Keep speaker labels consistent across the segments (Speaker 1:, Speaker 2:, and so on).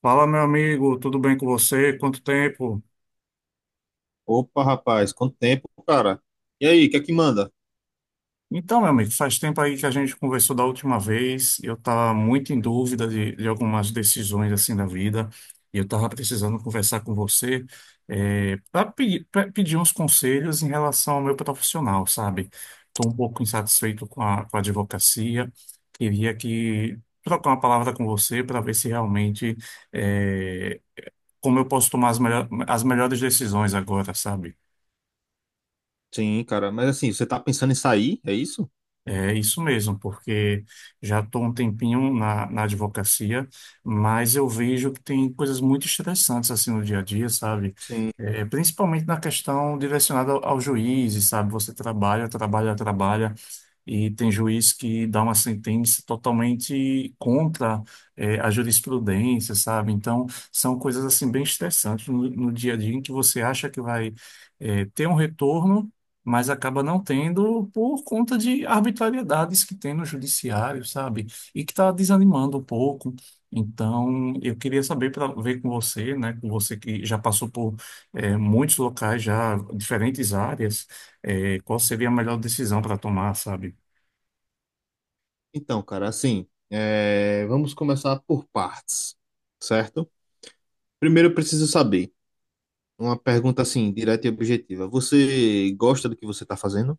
Speaker 1: Fala, meu amigo, tudo bem com você? Quanto tempo?
Speaker 2: Opa, rapaz, quanto tempo, cara? E aí, o que é que manda?
Speaker 1: Então, meu amigo, faz tempo aí que a gente conversou da última vez. Eu estava muito em dúvida de algumas decisões assim da vida e eu estava precisando conversar com você para pedir uns conselhos em relação ao meu profissional, sabe? Estou um pouco insatisfeito com a advocacia. Queria que trocar uma palavra com você para ver se realmente eh, como eu posso tomar as as melhores decisões agora, sabe?
Speaker 2: Sim, cara, mas assim, você tá pensando em sair, é isso?
Speaker 1: É isso mesmo, porque já estou um tempinho na advocacia, mas eu vejo que tem coisas muito estressantes assim no dia a dia, sabe?
Speaker 2: Sim.
Speaker 1: É, principalmente na questão direcionada ao juiz, sabe? Você trabalha, trabalha, trabalha, e tem juiz que dá uma sentença totalmente contra, é, a jurisprudência, sabe? Então, são coisas assim bem estressantes no dia a dia em que você acha que vai, é, ter um retorno, mas acaba não tendo por conta de arbitrariedades que tem no judiciário, sabe? E que está desanimando um pouco. Então, eu queria saber para ver com você, né? Com você que já passou por muitos locais, já diferentes áreas, qual seria a melhor decisão para tomar, sabe?
Speaker 2: Então, cara, assim, é, vamos começar por partes, certo? Primeiro eu preciso saber, uma pergunta assim, direta e objetiva. Você gosta do que você tá fazendo?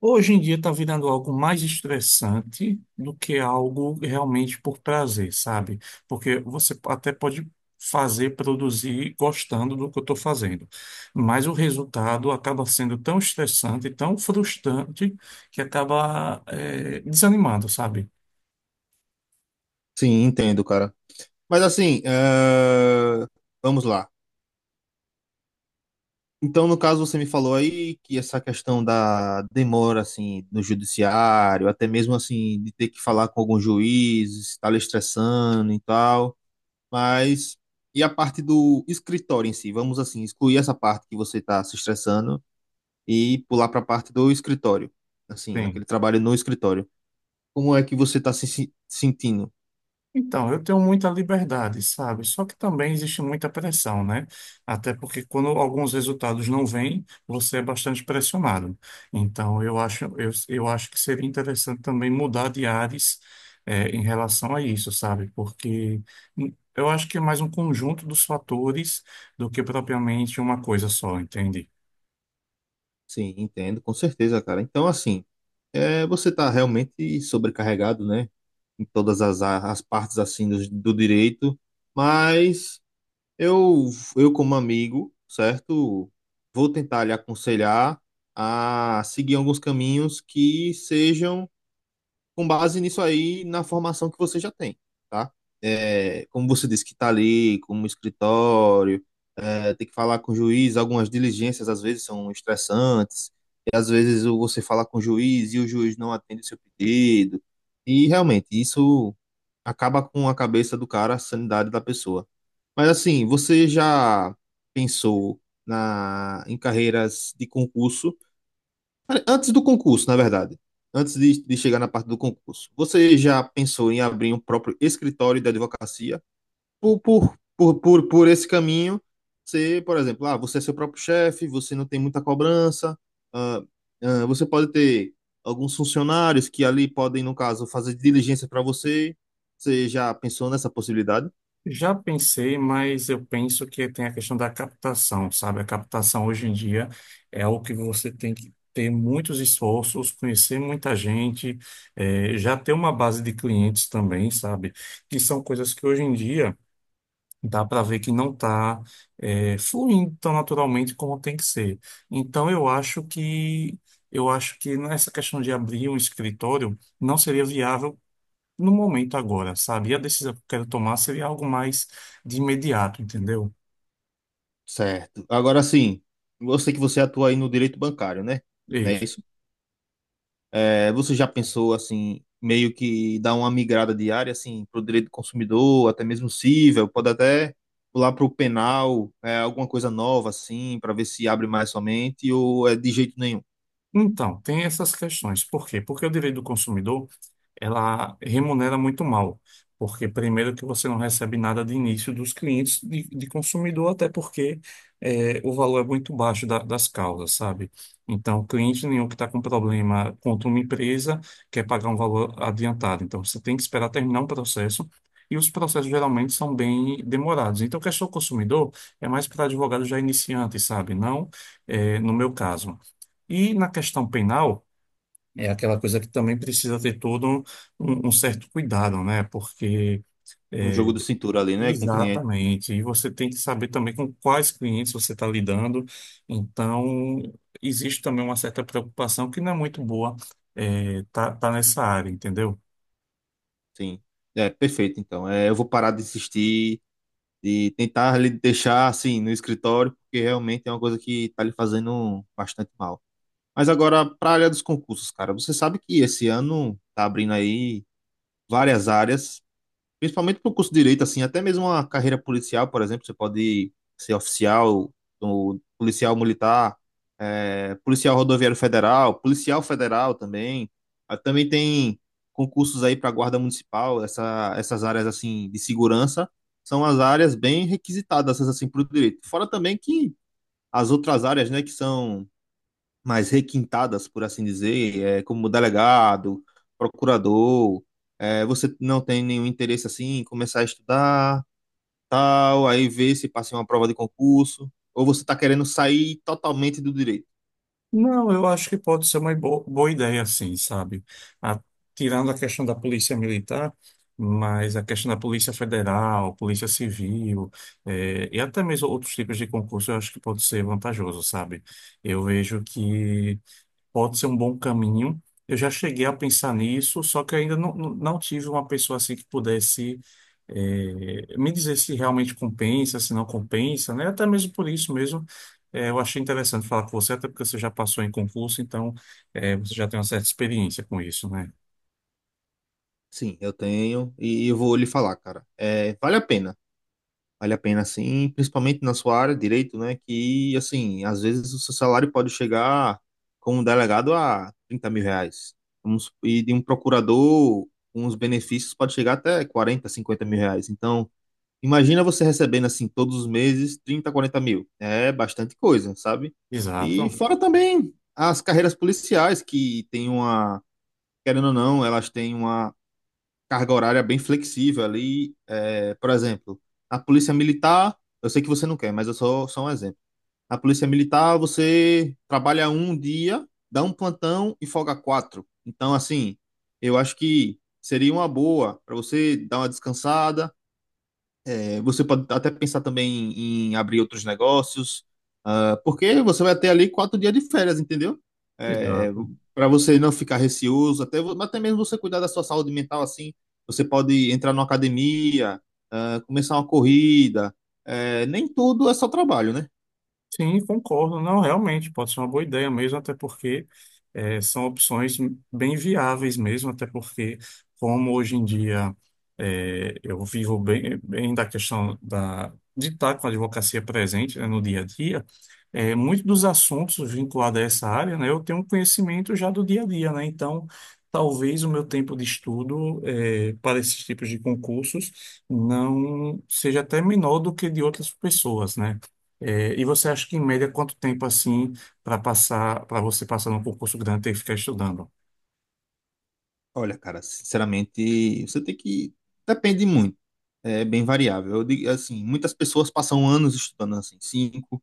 Speaker 1: Hoje em dia está virando algo mais estressante do que algo realmente por prazer, sabe? Porque você até pode fazer, produzir gostando do que eu estou fazendo, mas o resultado acaba sendo tão estressante, tão frustrante, que acaba desanimando, sabe?
Speaker 2: Sim, entendo, cara. Mas assim, é, vamos lá. Então, no caso, você me falou aí que essa questão da demora, assim, no judiciário, até mesmo, assim, de ter que falar com algum juiz, estar lhe estressando e tal, mas e a parte do escritório em si? Vamos, assim, excluir essa parte que você está se estressando e pular para a parte do escritório, assim,
Speaker 1: Sim.
Speaker 2: aquele trabalho no escritório. Como é que você está se sentindo?
Speaker 1: Então, eu tenho muita liberdade, sabe? Só que também existe muita pressão, né? Até porque quando alguns resultados não vêm, você é bastante pressionado. Então, eu acho que seria interessante também mudar de áreas em relação a isso, sabe? Porque eu acho que é mais um conjunto dos fatores do que propriamente uma coisa só, entende?
Speaker 2: Sim, entendo, com certeza, cara. Então, assim, é, você está realmente sobrecarregado, né? Em todas as partes assim do, do direito, mas eu, eu como amigo, certo, vou tentar lhe aconselhar a seguir alguns caminhos que sejam com base nisso aí na formação que você já tem, tá? É, como você disse que está ali, como escritório, é, tem que falar com o juiz, algumas diligências às vezes são estressantes, e às vezes você fala com o juiz e o juiz não atende o seu pedido, e realmente isso acaba com a cabeça do cara, a sanidade da pessoa. Mas assim, você já pensou na em carreiras de concurso? Antes do concurso, na verdade. Antes de chegar na parte do concurso. Você já pensou em abrir um próprio escritório de advocacia? Por esse caminho, ser, por exemplo, ah, você é seu próprio chefe, você não tem muita cobrança, ah, ah, você pode ter alguns funcionários que ali podem, no caso, fazer diligência para você. Você já pensou nessa possibilidade?
Speaker 1: Já pensei, mas eu penso que tem a questão da captação, sabe? A captação hoje em dia é algo que você tem que ter muitos esforços, conhecer muita gente, já ter uma base de clientes também, sabe? Que são coisas que hoje em dia dá para ver que não está fluindo tão naturalmente como tem que ser. Então eu acho que nessa questão de abrir um escritório não seria viável no momento agora, sabe? E a decisão que eu quero tomar seria algo mais de imediato, entendeu?
Speaker 2: Certo. Agora sim, eu sei que você atua aí no direito bancário, né?
Speaker 1: É
Speaker 2: Não é
Speaker 1: isso.
Speaker 2: isso? É, você já pensou assim, meio que dar uma migrada de área assim, para o direito do consumidor, até mesmo cível, pode até pular para o penal, é, alguma coisa nova assim, para ver se abre mais somente, ou é de jeito nenhum.
Speaker 1: Então, tem essas questões. Por quê? Porque o direito do consumidor ela remunera muito mal, porque primeiro que você não recebe nada de início dos clientes de consumidor, até porque o valor é muito baixo das causas, sabe? Então, cliente nenhum que está com problema contra uma empresa quer pagar um valor adiantado. Então, você tem que esperar terminar um processo. E os processos geralmente são bem demorados. Então, a questão do consumidor é mais para advogado já iniciante, sabe? Não, no meu caso. E na questão penal, é aquela coisa que também precisa ter todo um certo cuidado, né? Porque
Speaker 2: Um
Speaker 1: é,
Speaker 2: jogo de cintura ali, né, com o cliente.
Speaker 1: exatamente, e você tem que saber também com quais clientes você está lidando. Então, existe também uma certa preocupação que não é muito boa, é, tá nessa área, entendeu?
Speaker 2: Sim. É, perfeito, então. É, eu vou parar de insistir, de tentar lhe deixar assim no escritório, porque realmente é uma coisa que está lhe fazendo bastante mal. Mas agora, para a área dos concursos, cara, você sabe que esse ano tá abrindo aí várias áreas. Principalmente para o curso de direito, assim, até mesmo uma carreira policial. Por exemplo, você pode ser oficial, ou policial militar, policial rodoviário federal, policial federal também. Ah, também tem concursos aí para guarda municipal, essas áreas assim de segurança são as áreas bem requisitadas assim para o direito. Fora também que as outras áreas, né, que são mais requintadas, por assim dizer, é, como delegado, procurador, é, você não tem nenhum interesse assim em começar a estudar, tal, aí ver se passa em uma prova de concurso, ou você está querendo sair totalmente do direito?
Speaker 1: Não, eu acho que pode ser uma boa ideia, sim, sabe? A- tirando a questão da polícia militar, mas a questão da polícia federal, polícia civil, e até mesmo outros tipos de concurso, eu acho que pode ser vantajoso, sabe? Eu vejo que pode ser um bom caminho. Eu já cheguei a pensar nisso, só que ainda não, não tive uma pessoa assim que pudesse me dizer se realmente compensa, se não compensa, né? Até mesmo por isso mesmo, eu achei interessante falar com você, até porque você já passou em concurso, então você já tem uma certa experiência com isso, né?
Speaker 2: Sim, eu tenho e eu vou lhe falar, cara. É, vale a pena. Vale a pena, sim, principalmente na sua área, direito, né? Que, assim, às vezes o seu salário pode chegar, como delegado, a 30 mil reais. E de um procurador, com os benefícios, pode chegar até 40, 50 mil reais. Então, imagina você recebendo, assim, todos os meses, 30, 40 mil. É bastante coisa, sabe? E
Speaker 1: Exato,
Speaker 2: fora também as carreiras policiais, que tem uma, querendo ou não, elas têm uma carga horária bem flexível ali. É, por exemplo, a polícia militar, eu sei que você não quer, mas eu sou só um exemplo. A polícia militar, você trabalha um dia, dá um plantão e folga quatro. Então, assim, eu acho que seria uma boa para você dar uma descansada. É, você pode até pensar também em abrir outros negócios, ah, porque você vai ter ali 4 dias de férias, entendeu? É,
Speaker 1: exato.
Speaker 2: para você não ficar receoso, até, até mesmo você cuidar da sua saúde mental assim. Você pode entrar numa academia, ah, começar uma corrida. Nem tudo é só trabalho, né?
Speaker 1: Sim, concordo. Não, realmente, pode ser uma boa ideia mesmo, até porque são opções bem viáveis mesmo, até porque, como hoje em dia eu vivo bem, bem da questão da, de estar com a advocacia presente, né, no dia a dia, muitos dos assuntos vinculados a essa área, né, eu tenho um conhecimento já do dia a dia, né? Então, talvez o meu tempo de estudo, para esses tipos de concursos não seja até menor do que de outras pessoas, né? É, e você acha que, em média, quanto tempo assim para passar, para você passar num concurso grande ter que ficar estudando?
Speaker 2: Olha, cara, sinceramente, você tem que. Depende muito, é bem variável. Eu digo assim, muitas pessoas passam anos estudando assim, cinco,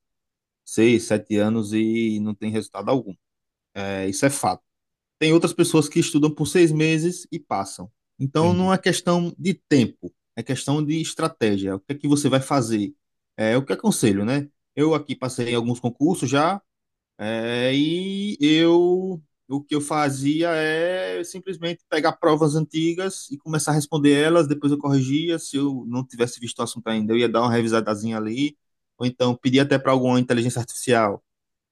Speaker 2: seis, sete anos e não tem resultado algum. É, isso é fato. Tem outras pessoas que estudam por 6 meses e passam. Então, não
Speaker 1: Entendi.
Speaker 2: é questão de tempo, é questão de estratégia. O que é que você vai fazer? É o que aconselho, né? Eu aqui passei em alguns concursos já, é, e eu o que eu fazia é simplesmente pegar provas antigas e começar a responder elas, depois eu corrigia. Se eu não tivesse visto o assunto ainda, eu ia dar uma revisadazinha ali, ou então pedir até para alguma inteligência artificial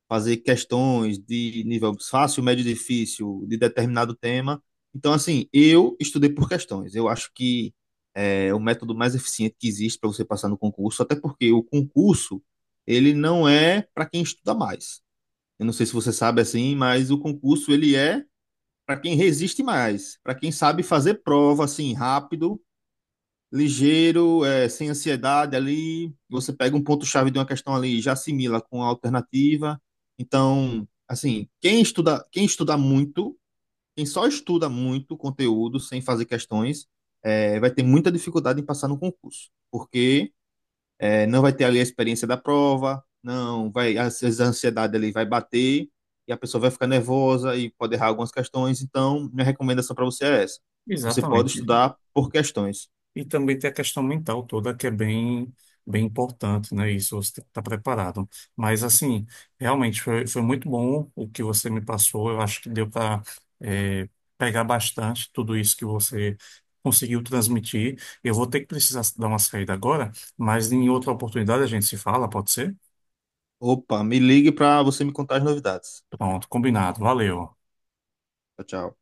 Speaker 2: fazer questões de nível fácil, médio, difícil, de determinado tema. Então, assim, eu estudei por questões. Eu acho que é o método mais eficiente que existe para você passar no concurso, até porque o concurso, ele não é para quem estuda mais. Eu não sei se você sabe assim, mas o concurso, ele é para quem resiste mais, para quem sabe fazer prova assim rápido ligeiro, é, sem ansiedade ali. Você pega um ponto-chave de uma questão ali, e já assimila com a alternativa. Então, assim, quem estuda muito, quem só estuda muito conteúdo sem fazer questões, é, vai ter muita dificuldade em passar no concurso, porque é, não vai ter ali a experiência da prova, não vai, às vezes a ansiedade ali vai bater e a pessoa vai ficar nervosa e pode errar algumas questões. Então, minha recomendação para você é essa. Você pode
Speaker 1: Exatamente.
Speaker 2: estudar por questões.
Speaker 1: E também tem a questão mental toda que é bem, bem importante, né? Isso você tem que estar preparado. Mas, assim, realmente foi, foi muito bom o que você me passou. Eu acho que deu para pegar bastante tudo isso que você conseguiu transmitir. Eu vou ter que precisar dar uma saída agora, mas em outra oportunidade a gente se fala, pode ser?
Speaker 2: Opa, me ligue para você me contar as novidades.
Speaker 1: Pronto, combinado. Valeu.
Speaker 2: Tchau, tchau.